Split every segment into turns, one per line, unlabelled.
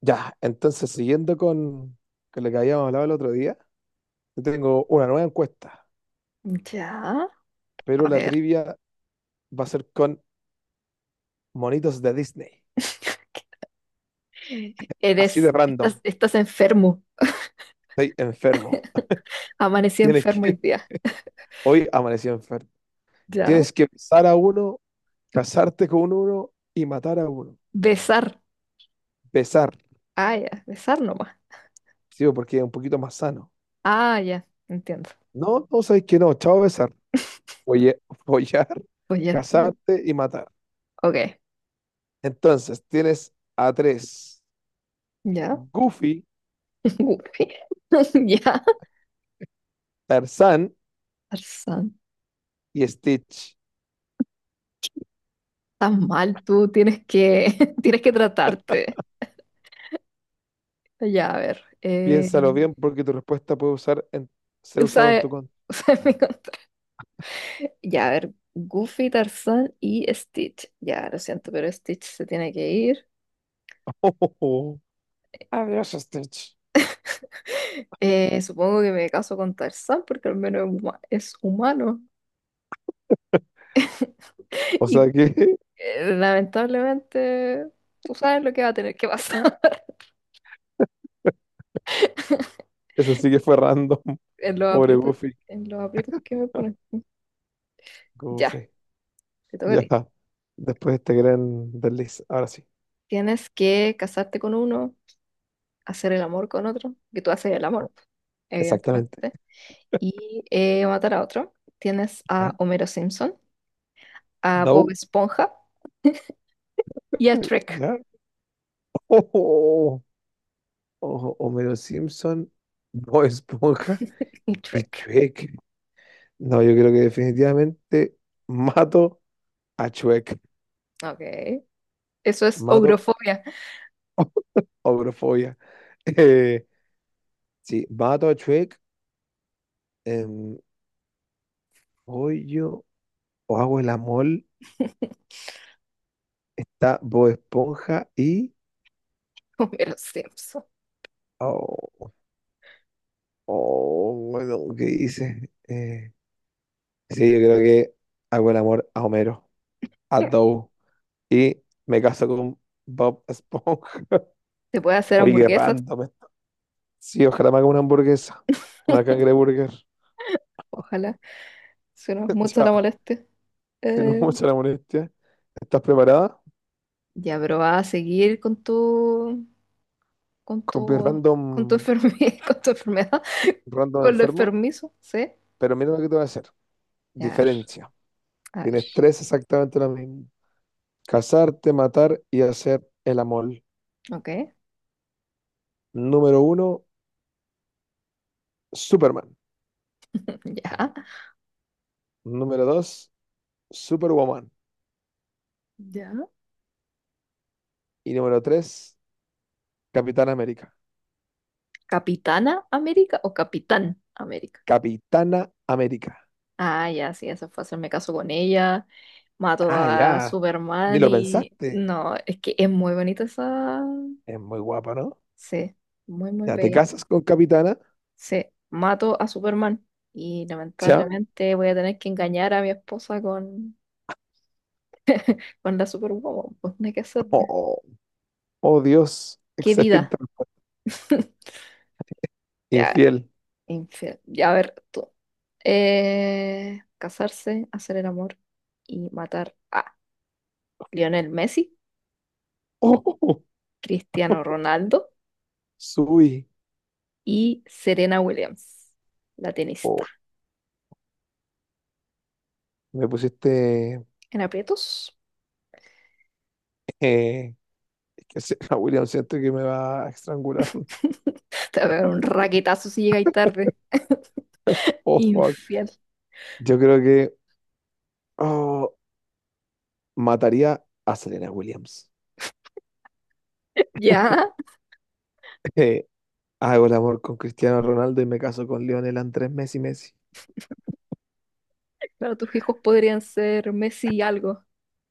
Ya, entonces siguiendo con lo que habíamos hablado el otro día, yo tengo una nueva encuesta,
Ya,
pero
a
la
ver.
trivia va a ser con monitos de Disney. Así
Eres,
de random.
estás enfermo.
Estoy enfermo.
Amanecí
Tienes que,
enfermo hoy día.
hoy amanecí enfermo.
Ya.
Tienes que besar a uno, casarte con uno y matar a uno.
Besar.
Besar,
Ah, ya. Besar nomás.
sí, porque es un poquito más sano.
Ah, ya. Entiendo.
No, no sabes que no. Chao, besar. Folle- follar,
Oye,
casarte y matar.
ok.
Entonces, tienes a tres.
Ya.
Goofy,
Uy. Ya.
Tarzán
Tarzán,
y Stitch.
estás mal tú. Tienes que, tienes que tratarte. Ya, a ver.
Piénsalo bien porque tu respuesta ser usado en tu
Usa,
contra.
usa Ya, a ver. Goofy, Tarzán y Stitch. Ya, lo siento, pero Stitch se tiene que ir.
Adiós, Stitch.
Supongo que me caso con Tarzán porque al menos es es humano.
O
Y
sea que
lamentablemente, tú sabes lo que va a tener que pasar
eso sí que fue random.
en los
Pobre
aprietos,
Goofy.
en los aprietos que me ponen. Ya,
Goofy.
te toca a
Ya.
ti.
Después de este gran desliz. Ahora sí.
Tienes que casarte con uno, hacer el amor con otro, que tú haces el amor,
Exactamente.
evidentemente, y matar a otro. Tienes a
¿Ya?
Homero Simpson, a Bob
¿Dow?
Esponja y a Trek.
¿Ya? Ojo, ojo, Homero Simpson, Bob Esponja
Y
y
Trek.
Shrek. No, yo creo que definitivamente mato a Shrek.
Ok. Eso es
Mato
ogrofobia.
a Obrofobia. Eh, sí, mato a Shrek. Em, hoy yo o hago el amor, está Bob Esponja y...
Homero Simpson.
Oh, oh, bueno, ¿qué dice? Sí, yo creo que hago el amor a Homero, a Dow y me caso con Bob Esponja.
Se puede hacer
Oye, qué
hamburguesas,
random esto. Sí, ojalá me haga una hamburguesa, una cangreburger.
ojalá. Si no es mucho
Ya,
la molestia.
si no es
Eh,
mucha la molestia. ¿Estás preparada?
ya, pero va a seguir con
Con mi
tu,
random,
con tu enfermedad, con tu enfermedad,
random
con lo
enfermo.
enfermizo, ¿sí?
Pero mira lo que te voy a hacer.
Ya, a ver,
Diferencia.
a
Tienes
ver.
tres exactamente lo mismo. Casarte, matar y hacer el amor.
Ok,
Número uno, Superman.
ya,
Número dos, Superwoman.
ya.
Y número tres, Capitán América.
¿Capitana América o Capitán América?
Capitana América.
Ah, ya, sí, eso fue hacerme caso con ella. Mato
Ah,
a
ya. Ni
Superman
lo
y
pensaste.
no, es que es muy bonita esa.
Es muy guapa, ¿no?
Sí, muy, muy
Ya te
bella.
casas con Capitana.
Sí, mato a Superman y
Ya.
lamentablemente voy a tener que engañar a mi esposa con la Superwoman. Pues no hay que hacerme.
Oh, oh, Dios.
¡Qué
Excelente.
vida! Ya,
Infiel.
infiel. Ya, a ver, tú. Casarse, hacer el amor y matar a Lionel Messi,
Oh,
Cristiano Ronaldo
subí.
y Serena Williams, la
Oh,
tenista.
me pusiste.
En aprietos.
eh, William, siento que me va a estrangular.
Te va a pegar un raquetazo si llegáis tarde.
Oh, fuck.
Infiel.
Yo creo que, oh, mataría a Serena Williams.
Ya.
Eh, hago el amor con Cristiano Ronaldo y me caso con Lionel Andrés Messi.
Claro, tus hijos podrían ser Messi y algo.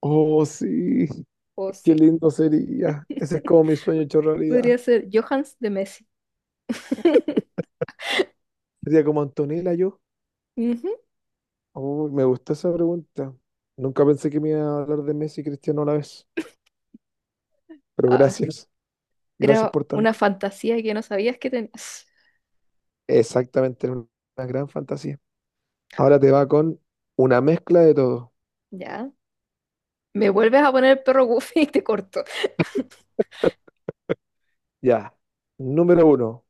Oh, sí,
O
qué
sí.
lindo sería. Ese es como mi sueño hecho realidad.
Podría ser Johans de Messi.
Sería como Antonella yo.
Ujú.
Uy, me gustó esa pregunta. Nunca pensé que me iba a hablar de Messi y Cristiano a la vez. Pero
Ah,
gracias. Gracias
era
por
una
tanto.
fantasía que no sabías que tenías.
Exactamente, era una gran fantasía. Ahora te va con una mezcla de todo.
Ya. Me vuelves a poner el perro Goofy y te corto.
Ya. Número uno,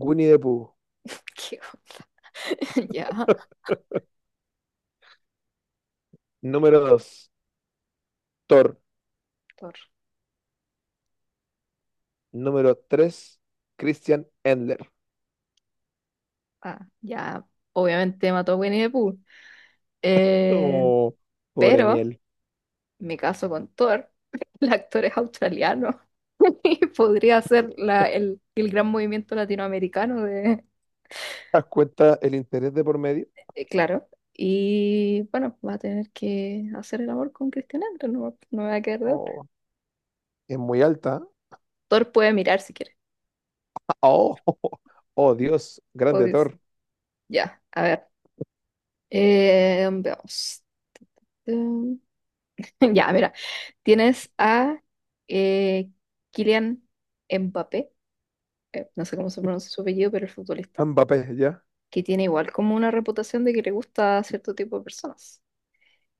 Winnie the Pooh.
Qué Ya.
Número dos, Thor.
Thor.
Número tres, Christian Endler.
Ah, ya. Obviamente mató a Winnie the Pooh. Eh,
Oh, pobre
pero
miel.
me caso con Thor. El actor es australiano. Y podría ser el gran movimiento latinoamericano de.
¿Te das cuenta el interés de por medio?
Claro. Y bueno, va a tener que hacer el amor con Cristian Andro, no, no me va a quedar de otra.
Oh, es muy alta, ¿eh?
Thor puede mirar si quiere.
Oh, oh, Dios,
O
grande Thor.
Ya, a ver. Veamos. Mm, Ya, mira. Tienes a eh, Kylian Mbappé, no sé cómo se pronuncia su apellido, pero el futbolista,
Mbappé, ya,
que tiene igual como una reputación de que le gusta a cierto tipo de personas.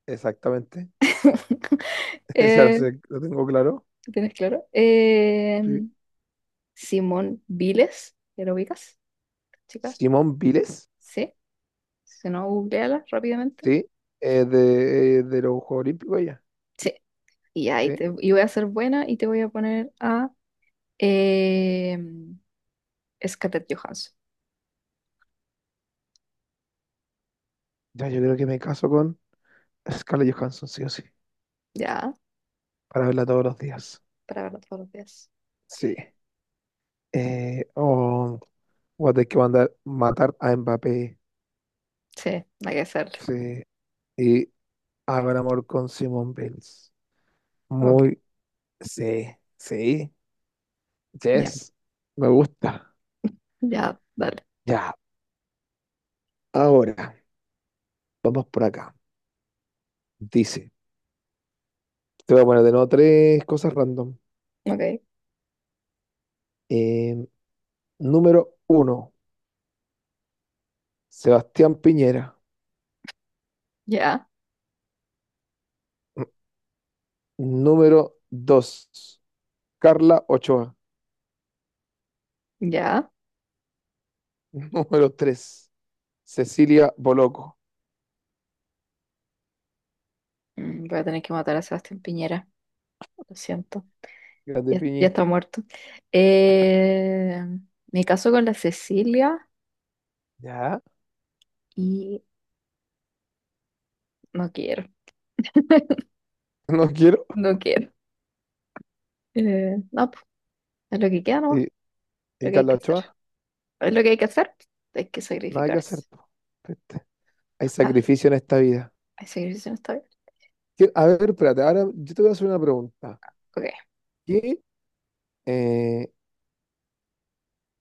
exactamente. Ya lo
Eh,
sé, lo tengo claro.
¿tienes claro?
Sí.
Simón Viles, ¿ya lo ubicas? Chica.
Simón Viles,
Sí, si no, googleala rápidamente.
sí, de los Juegos Olímpicos, ya.
Sí, y
Sí.
y voy a ser buena y te voy a poner a eh, Scarlett Johansson.
Ya, yo creo que me caso con Scarlett Johansson, sí o sí,
Ya,
para verla todos los días.
para verlo todos los días.
Sí. Eh, oh, voy a tener que mandar matar a Mbappé.
Sí, hay que hacerlo.
Sí. Y hago el amor con Simone Bills.
Ok,
Muy, sí, sí,
ya,
yes, me gusta.
ya, dale.
Ya, ahora, vamos por acá. Dice, te voy a poner de nuevo tres cosas random.
Ok,
Eh, número uno, Sebastián Piñera.
ya,
Mm, número dos, Carla Ochoa.
ya.
Número tres, Cecilia Boloco.
Voy a tener que matar a Sebastián Piñera, lo siento.
Grande
Ya, ya
Piñi.
está muerto. Eh, Me caso con la Cecilia
Ya,
y no quiero,
no quiero.
no quiero. No, pues, es lo que queda,
Y,
¿no? Lo
y
que hay
Carla
que
Ochoa,
hacer. Es lo que hay que hacer. Hay que
nada que hacer,
sacrificarse.
po. Viste, hay
Ah,
sacrificio en esta vida.
¿hay sacrificio en esta vida?
A ver, espérate, ahora yo te voy a hacer una pregunta.
Ok.
¿Qué, eh,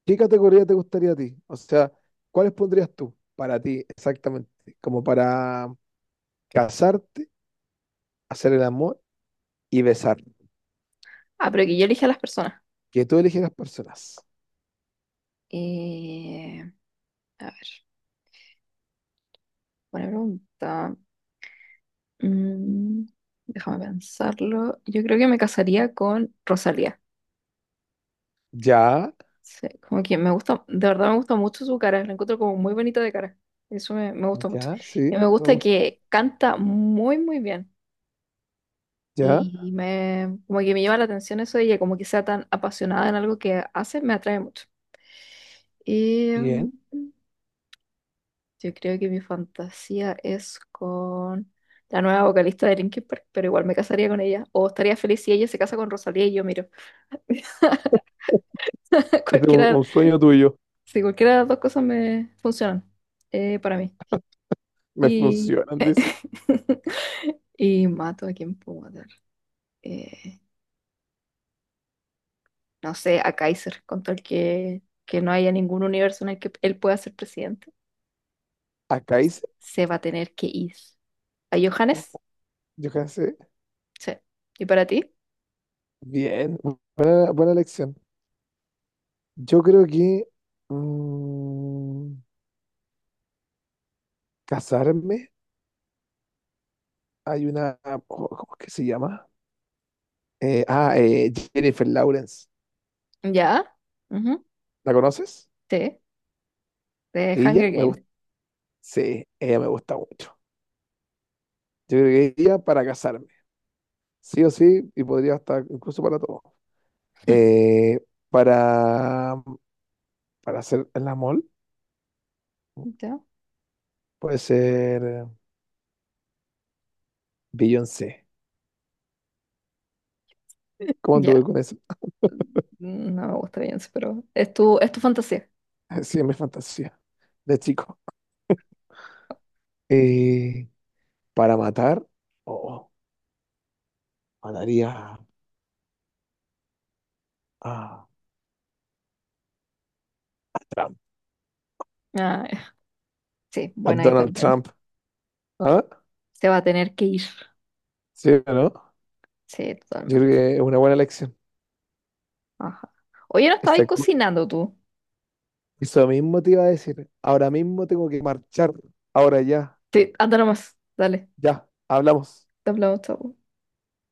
qué categoría te gustaría a ti? O sea, ¿cuáles pondrías tú para ti exactamente? Como para casarte, hacer el amor y besar.
Ah, pero que yo elija a las personas.
Que tú eligieras personas.
Eh, a ver, buena pregunta. Mm, Déjame pensarlo. Yo creo que me casaría con Rosalía.
Ya,
Sí, como que me gusta, de verdad me gusta mucho su cara. La encuentro como muy bonita de cara. Eso me gusta mucho.
ya,
Y
sí,
me
me
gusta
gusta.
que canta muy, muy bien.
Ya,
Y como que me llama la atención eso de ella, como que sea tan apasionada en algo que hace, me atrae mucho.
bien.
Em, yo creo que mi fantasía es con la nueva vocalista de Linkin Park, pero igual me casaría con ella. O estaría feliz si ella se casa con Rosalía y yo miro.
Este es un,
Cualquiera,
un sueño tuyo.
si cualquiera de las dos cosas me funcionan para mí.
Me
Y,
funcionan, dice.
y mato a quien puedo matar. Eh, no sé, a Kaiser, con tal que no haya ningún universo en el que él pueda ser presidente,
Acá hice,
se va a tener que ir. ¿A
oh,
Johannes?
yo cansé.
Sí. ¿Y para ti?
Bien, buena, buena elección. Yo creo que, mm, casarme. Hay una, ¿cómo es que se llama? Jennifer Lawrence.
Ya, ujú,
¿La conoces?
sí, de
Ella
Hunger
me
Games.
gusta. Sí, ella me gusta mucho. Yo creo que ella para casarme. Sí o sí, y podría estar incluso para todo. Eh, para, para hacer el amor,
Ya,
puede ser Beyoncé. ¿Cómo
ya,
anduve con eso?
no me gusta bien, pero es tu fantasía.
Sí, es mi fantasía de chico. Eh, para matar, oh, mataría a Trump,
Ah, ya. Sí,
a
buena ahí
Donald
también.
Trump. ¿Ah?
Se va a tener que ir.
¿Sí o no?
Sí,
Yo creo
totalmente.
que es una buena elección.
Ajá. Oye, no estabas
Exacto.
cocinando tú.
Eso mismo te iba a decir. Ahora mismo tengo que marchar. Ahora ya,
Sí, anda nomás. Dale,
ya, hablamos.
te hablamos, chao.